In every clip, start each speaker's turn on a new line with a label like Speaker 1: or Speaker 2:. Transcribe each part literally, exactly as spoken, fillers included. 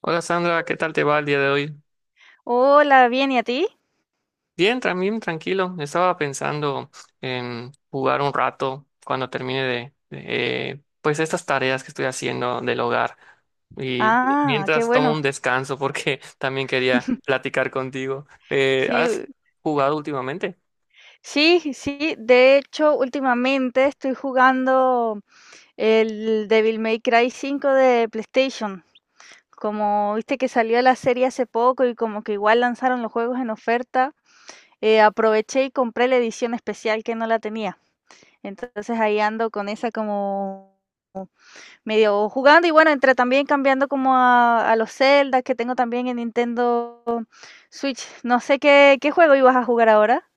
Speaker 1: Hola Sandra, ¿qué tal te va el día de hoy?
Speaker 2: Hola, bien, ¿y a ti?
Speaker 1: Bien, también tranquilo. Estaba pensando en jugar un rato cuando termine de, de, eh, pues estas tareas que estoy haciendo del hogar y
Speaker 2: Ah, qué
Speaker 1: mientras tomo
Speaker 2: bueno.
Speaker 1: un descanso porque también quería platicar contigo. Eh,
Speaker 2: Sí,
Speaker 1: ¿has
Speaker 2: u-
Speaker 1: jugado últimamente?
Speaker 2: sí, sí. De hecho, últimamente estoy jugando el Devil May Cry cinco de PlayStation. Como viste que salió la serie hace poco y como que igual lanzaron los juegos en oferta, eh, aproveché y compré la edición especial que no la tenía. Entonces ahí ando con esa como medio jugando y bueno, entre también cambiando como a, a los Zelda que tengo también en Nintendo Switch, no sé qué, qué juego ibas a jugar ahora.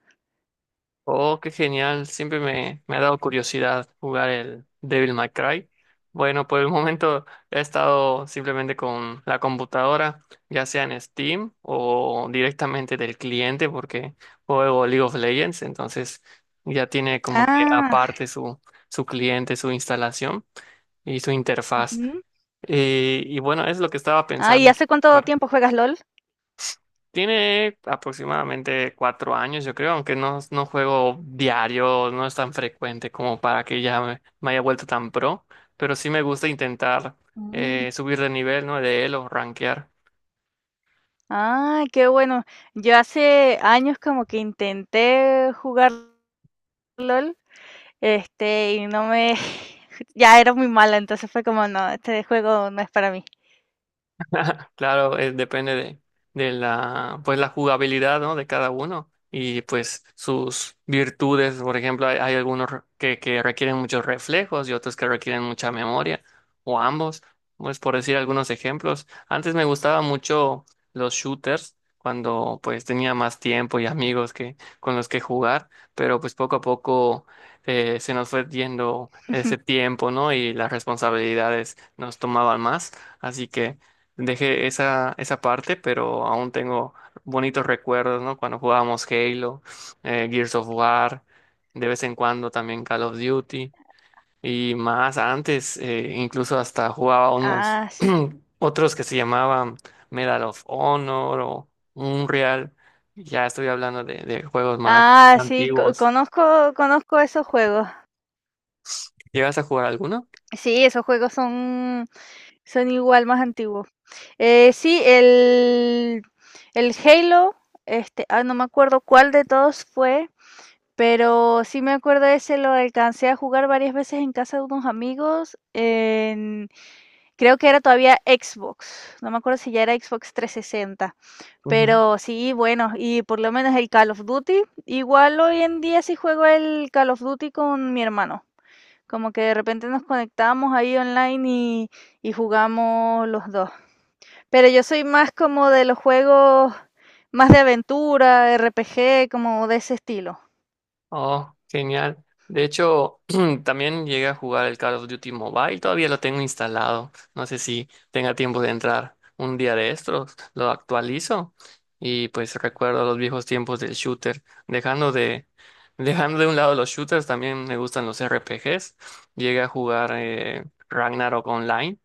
Speaker 1: Oh, qué genial. Siempre me, me ha dado curiosidad jugar el Devil May Cry. Bueno, por el momento he estado simplemente con la computadora, ya sea en Steam o directamente del cliente, porque juego League of Legends, entonces ya tiene como que
Speaker 2: Ah,
Speaker 1: aparte su, su cliente, su instalación y su interfaz.
Speaker 2: ujú.
Speaker 1: Eh, y bueno, es lo que estaba
Speaker 2: Ah, ¿y
Speaker 1: pensando.
Speaker 2: hace cuánto tiempo juegas LOL?
Speaker 1: Tiene aproximadamente cuatro años, yo creo, aunque no, no juego diario, no es tan frecuente como para que ya me, me haya vuelto tan pro, pero sí me gusta intentar
Speaker 2: Mm.
Speaker 1: eh, subir de nivel, ¿no? De él o rankear.
Speaker 2: Ah, qué bueno. Yo hace años como que intenté jugar LOL, este, y no me... Ya era muy mala, entonces fue como, no, este juego no es para mí.
Speaker 1: Claro, eh, depende de, de la, pues la jugabilidad, ¿no? De cada uno y pues sus virtudes. Por ejemplo, hay, hay algunos re- que, que requieren muchos reflejos y otros que requieren mucha memoria o ambos, pues por decir algunos ejemplos. Antes me gustaba mucho los shooters cuando pues tenía más tiempo y amigos que con los que jugar, pero pues poco a poco eh, se nos fue yendo ese tiempo, ¿no? Y las responsabilidades nos tomaban más, así que dejé esa, esa parte, pero aún tengo bonitos recuerdos, ¿no? Cuando jugábamos Halo, eh, Gears of War, de vez en cuando también Call of Duty, y más antes, eh, incluso hasta jugaba unos
Speaker 2: Ah, sí.
Speaker 1: otros que se llamaban Medal of Honor o Unreal. Ya estoy hablando de, de juegos más
Speaker 2: Ah, sí, co-
Speaker 1: antiguos.
Speaker 2: conozco, conozco esos juegos.
Speaker 1: ¿Llegas a jugar alguno?
Speaker 2: Sí, esos juegos son. Son igual, más antiguos. Eh, sí, el, el Halo, este, ah, no me acuerdo cuál de todos fue, pero sí me acuerdo ese, lo alcancé a jugar varias veces en casa de unos amigos, en- creo que era todavía Xbox, no me acuerdo si ya era Xbox trescientos sesenta, pero sí, bueno, y por lo menos el Call of Duty, igual hoy en día sí juego el Call of Duty con mi hermano, como que de repente nos conectamos ahí online y, y jugamos los dos. Pero yo soy más como de los juegos más de aventura, R P G, como de ese estilo.
Speaker 1: Oh, genial. De hecho, también llegué a jugar el Call of Duty Mobile, todavía lo tengo instalado. No sé si tenga tiempo de entrar un día de estos, lo actualizo y pues recuerdo los viejos tiempos del shooter. Dejando de, dejando de un lado los shooters, también me gustan los R P Gs. Llegué a jugar eh, Ragnarok Online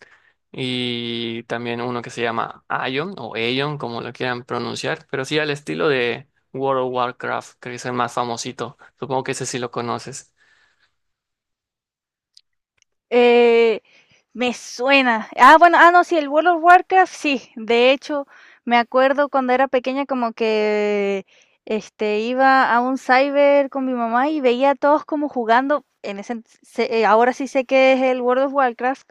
Speaker 1: y también uno que se llama Aion o Aion, como lo quieran pronunciar, pero sí al estilo World of Warcraft, que es el más famosito. Supongo que ese sí lo conoces.
Speaker 2: Eh, Me suena. Ah, bueno, ah, no, sí, el World of Warcraft, sí. De hecho, me acuerdo cuando era pequeña como que este iba a un cyber con mi mamá y veía a todos como jugando. En ese, ent- sé- eh, ahora sí sé que es el World of Warcraft,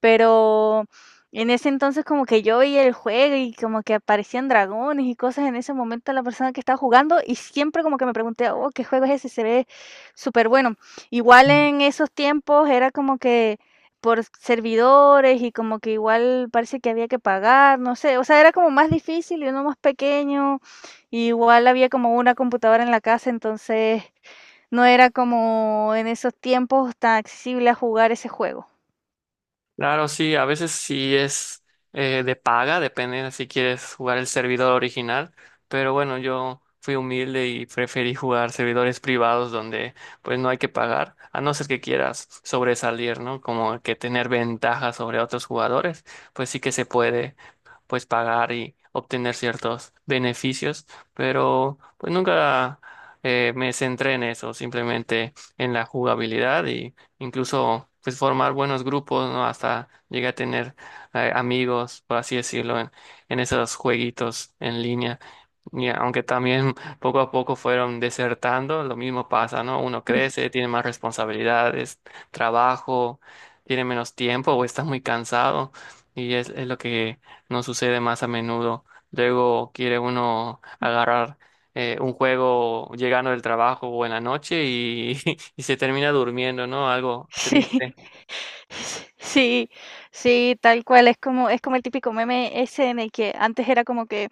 Speaker 2: pero en ese entonces como que yo veía el juego y como que aparecían dragones y cosas en ese momento a la persona que estaba jugando y siempre como que me pregunté, oh, ¿qué juego es ese? Se ve súper bueno. Igual en esos tiempos era como que por servidores y como que igual parece que había que pagar, no sé, o sea, era como más difícil y uno más pequeño, y igual había como una computadora en la casa, entonces no era como en esos tiempos tan accesible a jugar ese juego.
Speaker 1: Claro, sí, a veces sí es eh, de paga, depende de si quieres jugar el servidor original, pero bueno, yo fui humilde y preferí jugar servidores privados donde pues no hay que pagar, a no ser que quieras sobresalir, ¿no? Como que tener ventaja sobre otros jugadores, pues sí que se puede pues pagar y obtener ciertos beneficios, pero pues nunca eh, me centré en eso, simplemente en la jugabilidad y incluso pues formar buenos grupos, ¿no? Hasta llegué a tener eh, amigos, por así decirlo, en, en esos jueguitos en línea. Y aunque también poco a poco fueron desertando, lo mismo pasa, ¿no? Uno crece, tiene más responsabilidades, trabajo, tiene menos tiempo o está muy cansado y es, es lo que no sucede más a menudo. Luego quiere uno agarrar eh, un juego llegando del trabajo o en la noche y, y se termina durmiendo, ¿no? Algo
Speaker 2: Sí,
Speaker 1: triste.
Speaker 2: sí, sí, tal cual, es como es como el típico meme ese en el que antes era como que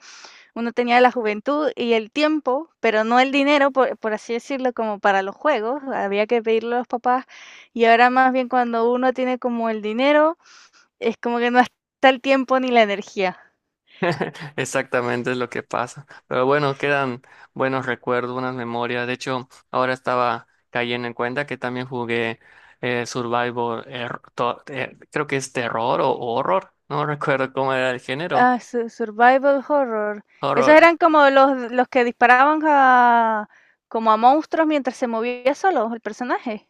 Speaker 2: uno tenía la juventud y el tiempo, pero no el dinero, por, por así decirlo, como para los juegos, había que pedirle a los papás. Y ahora más bien cuando uno tiene como el dinero, es como que no está el tiempo ni la energía.
Speaker 1: Exactamente es lo que pasa. Pero bueno, quedan buenos recuerdos, buenas memorias. De hecho, ahora estaba cayendo en cuenta que también jugué eh, Survivor, er- to- eh, creo que es terror o horror, no recuerdo cómo era el género.
Speaker 2: Ah, su- survival horror. Esos
Speaker 1: Horror,
Speaker 2: eran como los, los que disparaban a, como a monstruos mientras se movía solo el personaje.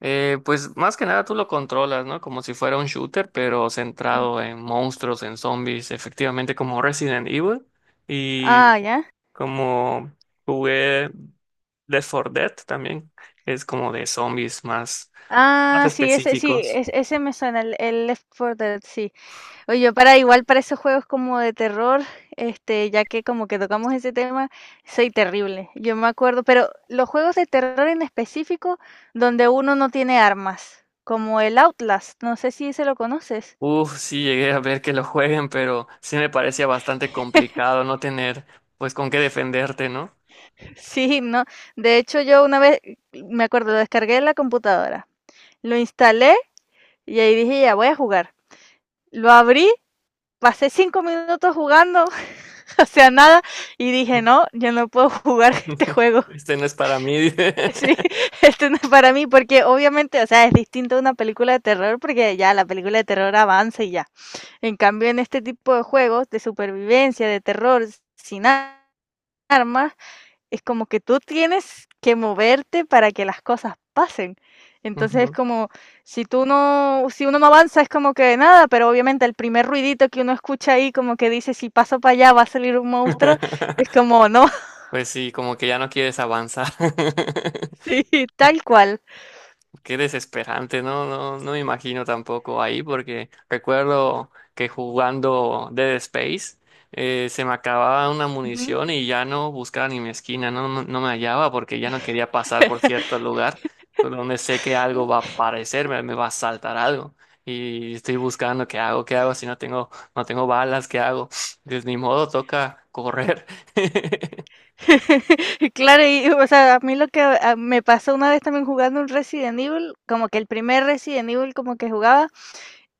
Speaker 1: Eh, pues más que nada tú lo controlas, ¿no? Como si fuera un shooter, pero
Speaker 2: Mm.
Speaker 1: centrado en monstruos, en zombies, efectivamente como Resident Evil y
Speaker 2: Ah, ya.
Speaker 1: como jugué Left four Dead también, es como de zombies más, más
Speaker 2: Ah, sí, ese, sí,
Speaker 1: específicos.
Speaker 2: es- ese me suena, el, el Left four Dead, sí. Oye, yo para igual para esos juegos como de terror, este, ya que como que tocamos ese tema, soy terrible. Yo me acuerdo, pero los juegos de terror en específico donde uno no tiene armas, como el Outlast, no sé si se lo conoces.
Speaker 1: Uf, sí llegué a ver que lo jueguen, pero sí me parecía bastante complicado no tener pues con qué defenderte, ¿no?
Speaker 2: Sí, no. De hecho, yo una vez me acuerdo, lo descargué en la computadora, lo instalé y ahí dije, ya voy a jugar. Lo abrí, pasé cinco minutos jugando, o sea, nada, y dije, no, yo no puedo jugar este juego.
Speaker 1: Este no es para mí.
Speaker 2: Sí, esto no es para mí, porque obviamente, o sea, es distinto a una película de terror, porque ya la película de terror avanza y ya. En cambio, en este tipo de juegos de supervivencia, de terror, sin a- armas, es como que tú tienes que moverte para que las cosas pasen. Entonces es
Speaker 1: Ujú.
Speaker 2: como, si tú no, si uno no avanza, es como que nada, pero obviamente el primer ruidito que uno escucha ahí, como que dice, si paso para allá va a salir un monstruo, es como, no,
Speaker 1: Pues sí, como que ya no quieres avanzar.
Speaker 2: sí, tal cual.
Speaker 1: Qué desesperante, no, no, no me imagino tampoco ahí, porque recuerdo que jugando Dead Space eh, se me acababa una munición y ya no buscaba ni mi esquina, no, no, no me hallaba porque ya no quería pasar por cierto lugar con donde sé que algo va a aparecer, me, me va a saltar algo. Y estoy buscando qué hago, qué hago si no tengo, no tengo balas, qué hago. Pues ni modo, toca correr.
Speaker 2: Claro, y o sea, a mí lo que ah, me pasó una vez también jugando un Resident Evil, como que el primer Resident Evil como que jugaba,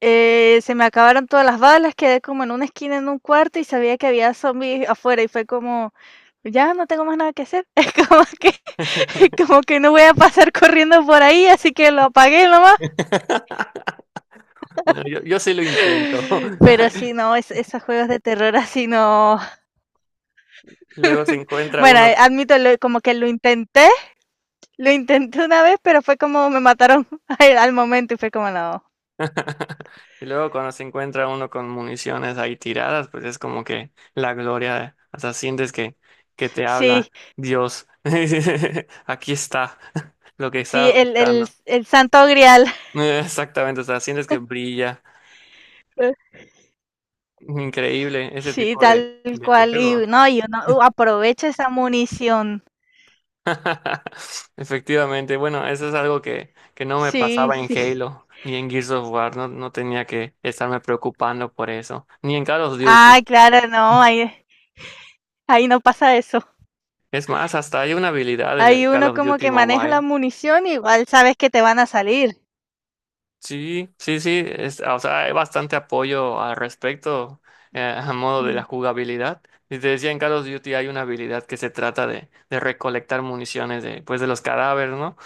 Speaker 2: eh, se me acabaron todas las balas, quedé como en una esquina en un cuarto y sabía que había zombies afuera y fue como, ya no tengo más nada que hacer, es como que, como que no voy a pasar corriendo por ahí, así que lo apagué nomás.
Speaker 1: Bueno, yo, yo sí lo intento.
Speaker 2: Pero sí, no, es- esos juegos de terror así no.
Speaker 1: Y luego se encuentra
Speaker 2: Bueno, eh,
Speaker 1: uno,
Speaker 2: admito, lo- como que lo intenté. Lo intenté una vez, pero fue como me mataron al, al momento y fue como no.
Speaker 1: y luego cuando se encuentra uno con municiones ahí tiradas, pues es como que la gloria, o sea, sientes que, que te habla
Speaker 2: Sí,
Speaker 1: Dios. Aquí está lo que
Speaker 2: sí,
Speaker 1: estabas
Speaker 2: el, el,
Speaker 1: buscando.
Speaker 2: el santo grial.
Speaker 1: Exactamente, o sea, sientes que brilla. Increíble ese
Speaker 2: Sí,
Speaker 1: tipo de,
Speaker 2: tal
Speaker 1: de
Speaker 2: cual.
Speaker 1: juegos.
Speaker 2: Y no, y uno uh, aprovecha esa munición.
Speaker 1: Efectivamente, bueno, eso es algo que, que no me
Speaker 2: Sí,
Speaker 1: pasaba en
Speaker 2: sí.
Speaker 1: Halo ni en Gears of War, no, no tenía que estarme preocupando por eso, ni en Call of
Speaker 2: Ah,
Speaker 1: Duty.
Speaker 2: claro, no, ahí, ahí no pasa eso.
Speaker 1: Es más, hasta hay una habilidad en
Speaker 2: Ahí
Speaker 1: el Call
Speaker 2: uno
Speaker 1: of
Speaker 2: como
Speaker 1: Duty
Speaker 2: que maneja la
Speaker 1: Mobile.
Speaker 2: munición, igual sabes que te van a salir.
Speaker 1: Sí, sí, sí, es- o sea, hay bastante apoyo al respecto eh, a modo de la
Speaker 2: Mm.
Speaker 1: jugabilidad. Y te decía, en Call of Duty hay una habilidad que se trata de, de recolectar municiones de, pues, de los cadáveres, ¿no?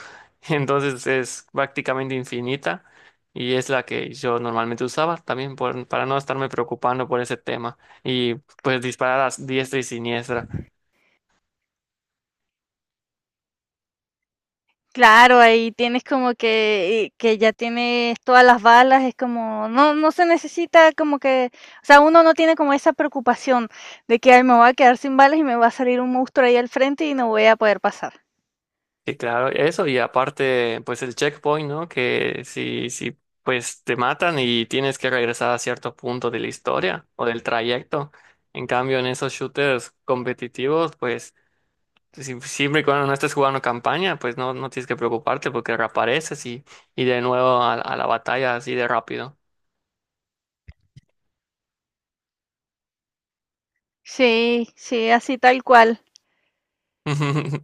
Speaker 1: Entonces es prácticamente infinita y es la que yo normalmente usaba también por- para no estarme preocupando por ese tema y pues disparar a diestra y siniestra.
Speaker 2: Claro, ahí tienes como que, eh, que ya tienes todas las balas, es como, no, no se necesita como que, o sea, uno no tiene como esa preocupación de que ay, me voy a quedar sin balas y me va a salir un monstruo ahí al frente y no voy a poder pasar.
Speaker 1: Sí, claro, eso y aparte, pues el checkpoint, ¿no? Que si, si, pues te matan y tienes que regresar a cierto punto de la historia o del trayecto. En cambio, en esos shooters competitivos, pues si- siempre y cuando no estés jugando campaña, pues no, no tienes que preocuparte porque reapareces y, y de nuevo a, a la batalla así de rápido.
Speaker 2: Sí, sí, así tal cual.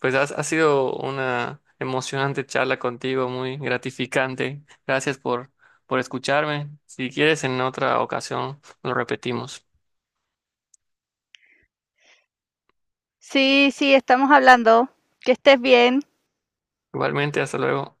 Speaker 1: Pues has- ha sido una emocionante charla contigo, muy gratificante. Gracias por, por escucharme. Si quieres, en otra ocasión lo repetimos.
Speaker 2: Sí, sí, estamos hablando. Que estés bien.
Speaker 1: Igualmente, hasta luego.